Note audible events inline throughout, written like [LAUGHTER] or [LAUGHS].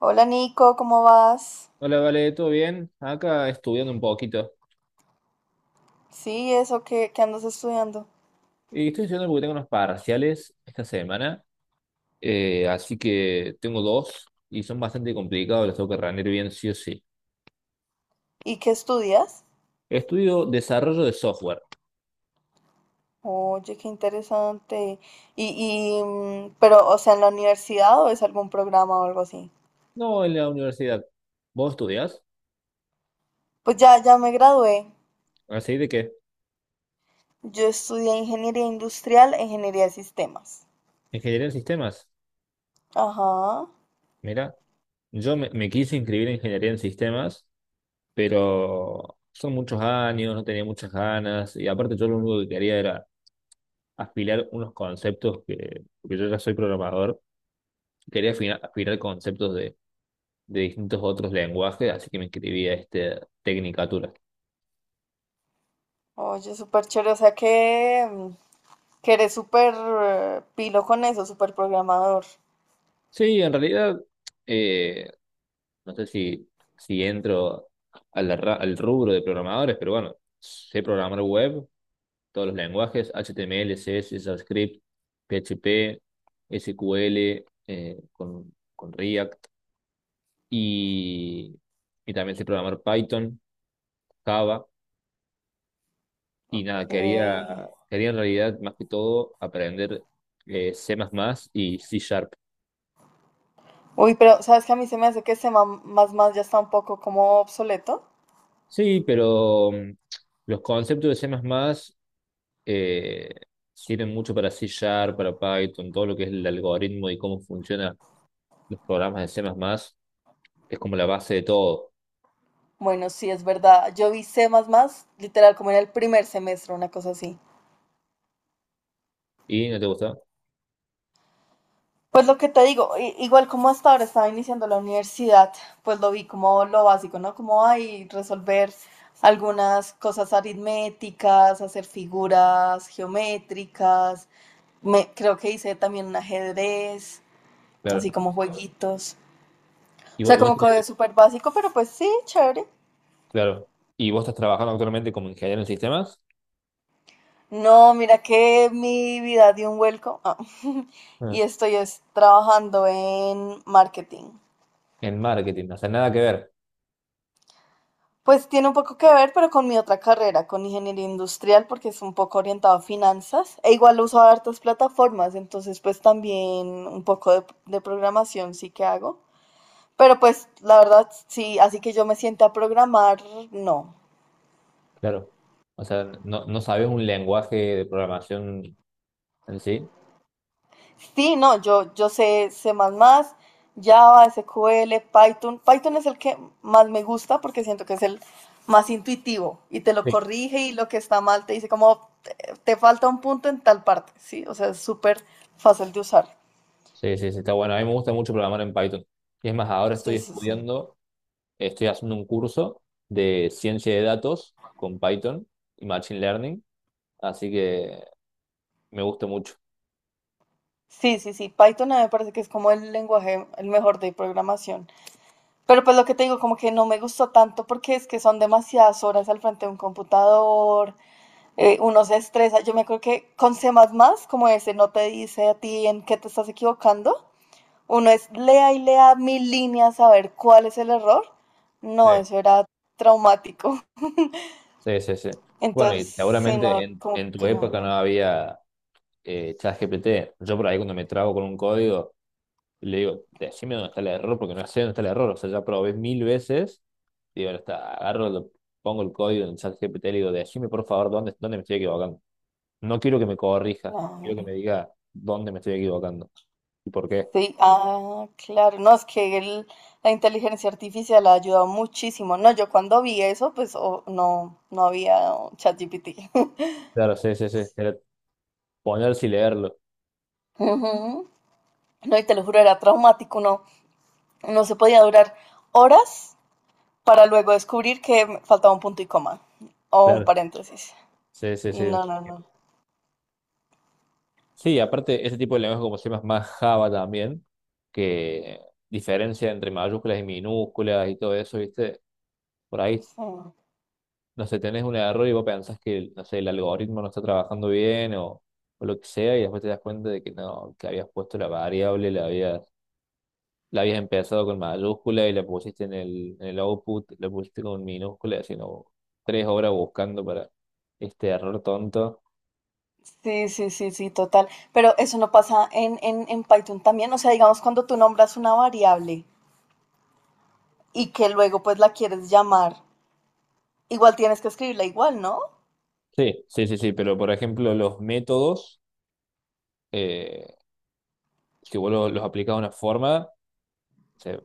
Hola Nico, ¿cómo vas? Hola, vale, ¿todo bien? Acá estudiando un poquito. Sí, eso que andas estudiando. Y estoy estudiando porque tengo unos parciales esta semana, así que tengo dos y son bastante complicados, los tengo que rendir bien sí o sí. ¿Y qué estudias? Estudio desarrollo de software, Oye, qué interesante. Pero, o sea, ¿en la universidad o es algún programa o algo así? no en la universidad. ¿Vos estudias? Pues ya me gradué. ¿Así de qué? Yo estudié ingeniería industrial e ingeniería de sistemas. ¿Ingeniería en sistemas? Ajá. Mira, yo me quise inscribir en ingeniería en sistemas, pero son muchos años, no tenía muchas ganas y aparte yo lo único que quería era aspirar unos conceptos que, porque yo ya soy programador quería afinar conceptos de distintos otros lenguajes, así que me escribí a este Tecnicatura. Oye, súper chévere. O sea que, que eres súper pilo con eso, súper programador. Sí, en realidad, eh, no sé si, entro al rubro de programadores, pero bueno, sé programar web, todos los lenguajes, HTML, CSS, JavaScript, PHP, SQL, con React, y, y también sé programar Python, Java. Y nada, quería, Que- quería en realidad más que todo aprender C++ y C Sharp. Uy, pero sabes que a mí se me hace que ese más ya está un poco como obsoleto. Sí, pero los conceptos de C++ eh, sirven mucho para C Sharp, para Python, todo lo que es el algoritmo y cómo funcionan los programas de C++. Es como la base de todo. Bueno, sí, es verdad. Yo vi C++, literal, como en el primer semestre, una cosa así. ¿Y no te gusta? Pues lo que te digo, igual como hasta ahora estaba iniciando la universidad, pues lo vi como lo básico, ¿no? Como hay resolver algunas cosas aritméticas, hacer figuras geométricas. Creo que hice también un ajedrez, así Claro. como jueguitos. ¿Y O vos, sea, y vos- como que súper básico, pero pues sí, chévere. claro. ¿Y vos estás trabajando actualmente como ingeniero en sistemas? No, mira que mi vida dio un vuelco ah, [LAUGHS] Ah. y estoy es trabajando en marketing. En marketing, o sea, nada que ver. Pues tiene un poco que ver, pero con mi otra carrera, con ingeniería industrial, porque es un poco orientado a finanzas. E igual uso hartas plataformas, entonces pues también un poco de programación sí que hago. Pero pues la verdad, sí, así que yo me siente a programar, no. Claro. O sea, no, no sabes un lenguaje de programación en sí. Sí, no, yo sé C++, Java, SQL, Python. Python es el que más me gusta porque siento que es el más intuitivo y te lo Sí. corrige y lo que está mal te dice como te falta un punto en tal parte, ¿sí? O sea, es súper fácil de usar. Sí, sí, sí, está bueno. A mí me gusta mucho programar en Python. Y es más, ahora estoy Sí, sí, sí. estudiando, estoy haciendo un curso de ciencia de datos con Python y Machine Learning, así que me gusta mucho. Sí, sí, sí. Python a mí me parece que es como el lenguaje, el mejor de programación. Pero pues lo que te digo, como que no me gustó tanto porque es que son demasiadas horas al frente de un computador, uno se estresa. Yo me acuerdo que con C++, como ese, no te dice a ti en qué te estás equivocando. Uno es lea y lea mil líneas a ver cuál es el error. No, Sí. eso era traumático. Sí, sí, sí. [LAUGHS] Bueno, Entonces, y sí, seguramente no, en, como en tu que no. época no había ChatGPT. Yo por ahí cuando me trago con un código, le digo, decime dónde está el error, porque no sé dónde está el error. O sea, ya probé mil veces. Digo, ahora está, agarro, pongo el código en el chat GPT y le digo, decime por favor dónde me estoy equivocando. No quiero que me corrija, quiero Claro. que me diga dónde me estoy equivocando y por qué. Sí, ah, claro. No, es que la inteligencia artificial ha ayudado muchísimo. No, yo cuando vi eso, pues no, no había ChatGPT. [LAUGHS] Claro, sí, sí, sí. Era ponerse y leerlo. Ujú. No, y te lo juro, era traumático, no, no se podía durar horas para luego descubrir que me faltaba un punto y coma o un Claro, paréntesis. sí, sí, Y sí. Sí, aparte, ese tipo de lenguaje como se llama más Java también, que diferencia entre mayúsculas y minúsculas y todo eso, ¿viste? Por ahí no. no sé, tenés un error y vos pensás que, no sé, el algoritmo no está trabajando bien o lo que sea, y después te das cuenta de que no, que habías puesto la variable, la habías empezado con mayúscula y la pusiste en el output, la pusiste con minúscula, sino 3 horas buscando para este error tonto. Sí, sí, sí, sí, sí, total. Pero eso no pasa en Python también. O sea, digamos, cuando tú nombras una variable y que luego pues la quieres llamar, igual tienes que escribirla igual, ¿no? Sí, sí, sí, sí, pero por ejemplo, los métodos, eh, si vos los aplicas de una forma, o sea,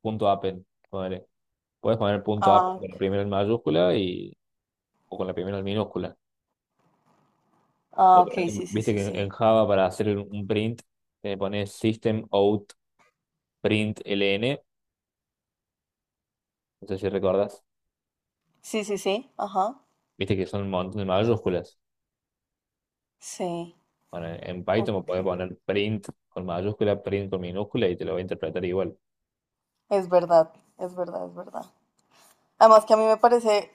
punto append, ponele. Puedes poner punto append Ah, con la primera en mayúscula y, o con la primera en minúscula. O por ok, ejemplo, sí, sí, viste sí, que en sí. Java para hacer un print le pones system out print ln, no sé si recordás, Sí, sí, sí, ajá. viste que son un montón de mayúsculas. Sí, Bueno, en Python me ok. podés poner print con mayúscula, print con minúscula y te lo va a interpretar igual. Es verdad, es verdad, es verdad. Además que a mí me parece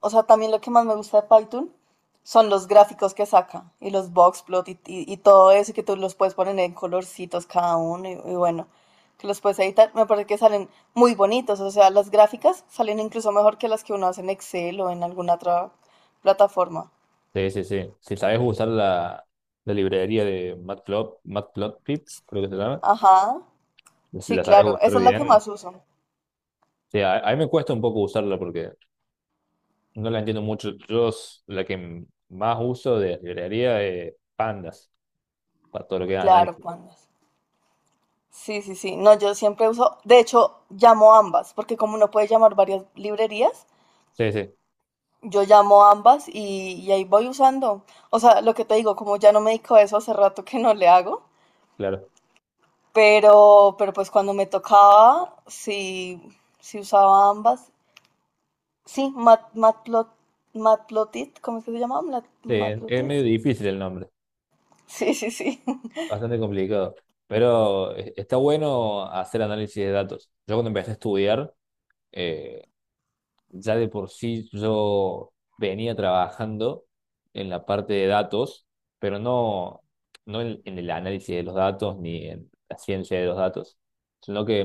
o sea, también lo que más me gusta de Python son los gráficos que saca y los boxplot y todo eso que tú los puedes poner en colorcitos cada uno y bueno, que los puedes editar. Me parece que salen muy bonitos, o sea, las gráficas salen incluso mejor que las que uno hace en Excel o en alguna otra plataforma. Sí, sí, sí. Si sabes usar la librería de Matplotlib, Matplotlib, creo que se llama, Ajá, si sí, la sabes claro, usar esa es la que bien. más uso. Sí, a mí me cuesta un poco usarla porque no la entiendo mucho. Yo la que más uso de librería es Pandas para todo lo que es Claro, análisis. pandas. Sí, sí, sí. No, yo siempre uso, de hecho, llamo ambas, porque como uno puede llamar varias librerías, Sí, sí, yo llamo ambas y ahí voy usando. O sea, lo que te digo, como ya no me dedico a eso, hace rato que no le hago, claro. Pero pues cuando me tocaba, sí, sí usaba ambas. Sí, Mat, Matplot, Matplotit, ¿cómo es que se llama? Sí, es Matplotit. medio difícil el nombre, Sí, sí, sí. [LAUGHS] bastante complicado, pero está bueno hacer análisis de datos. Yo cuando empecé a estudiar, eh, ya de por sí yo venía trabajando en la parte de datos, pero no en el análisis de los datos ni en la ciencia de los datos, sino que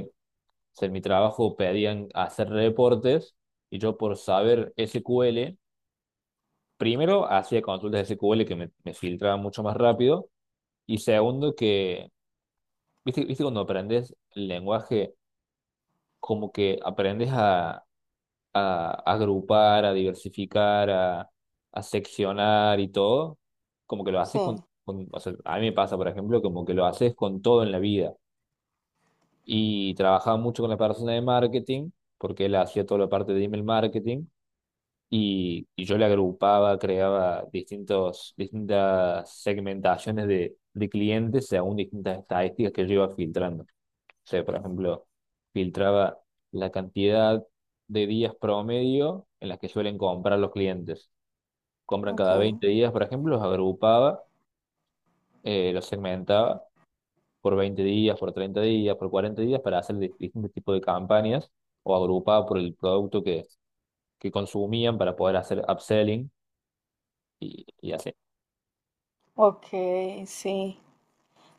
o sea, en mi trabajo pedían hacer reportes y yo por saber SQL, primero hacía consultas de SQL que me filtraban mucho más rápido. Y segundo que, viste, viste cuando aprendes el lenguaje, como que aprendes a agrupar, a diversificar, a seccionar y todo, como que lo Sí, haces o sea, a mí me pasa, por ejemplo, como que lo haces con todo en la vida. Y trabajaba mucho con la persona de marketing, porque él hacía toda la parte de email marketing, y yo le agrupaba, creaba distintas segmentaciones de clientes según distintas estadísticas que yo iba filtrando. Sea, por ejemplo, filtraba la cantidad de días promedio en las que suelen comprar los clientes. Compran cada ok. 20 días, por ejemplo, los agrupaba, los segmentaba por 20 días, por 30 días, por 40 días para hacer distintos tipos de campañas o agrupaba por el producto que consumían para poder hacer upselling y así. Ok, sí.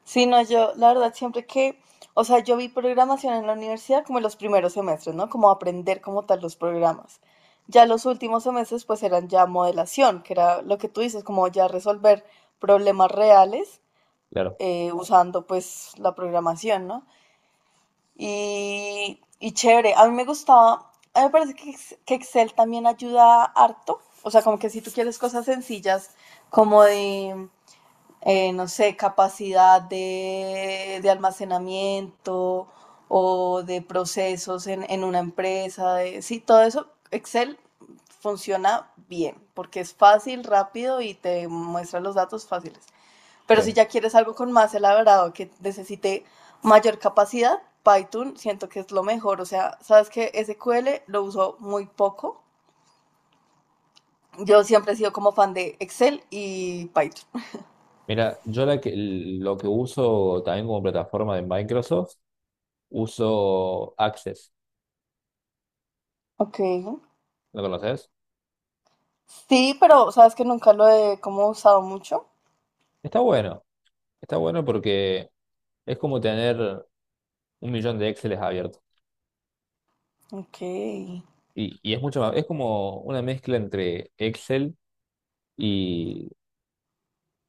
Sí, no, yo, la verdad, siempre que, o sea, yo vi programación en la universidad como en los primeros semestres, ¿no? Como aprender como tal los programas. Ya los últimos semestres, pues eran ya modelación, que era lo que tú dices, como ya resolver problemas reales Claro. Usando pues la programación, ¿no? Y chévere, a mí me gustaba, a mí me parece que, que Excel también ayuda harto, o sea, como que si tú quieres cosas sencillas, como de no sé, capacidad de almacenamiento o de procesos en una empresa. Sí, todo eso, Excel funciona bien porque es fácil, rápido y te muestra los datos fáciles. Pero si Sí. ya quieres algo con más elaborado que necesite mayor capacidad, Python siento que es lo mejor. O sea, sabes que SQL lo uso muy poco. Yo siempre he sido como fan de Excel y Python. Mira, yo lo que uso también como plataforma de Microsoft, uso Access. Ok. ¿Lo conoces? Sí, pero sabes que nunca lo he como usado mucho. Está bueno. Está bueno porque es como tener un millón de Exceles abiertos. Ok, Y es mucho más, es como una mezcla entre Excel y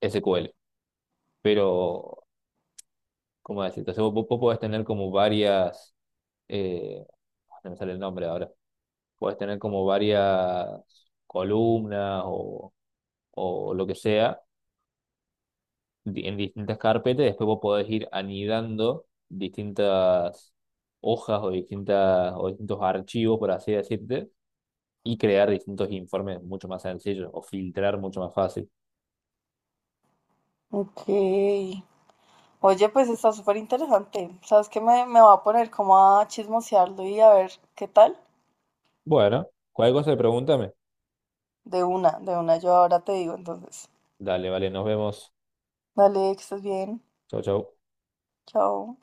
SQL. Pero, ¿cómo decirte? O sea, vos podés tener como varias, eh, ah, no me sale el nombre ahora, podés tener como varias columnas o lo que sea en distintas carpetas. Después vos podés ir anidando distintas hojas o distintos archivos, por así decirte y crear distintos informes mucho más sencillos o filtrar mucho más fácil. ok. Oye, pues está súper interesante. Sabes que me va a poner como a chismosearlo y a ver qué tal. Bueno, cualquier cosa, pregúntame. De una, yo ahora te digo entonces. Dale, vale, nos vemos. Dale, que estés bien. Chau, chau. Chao.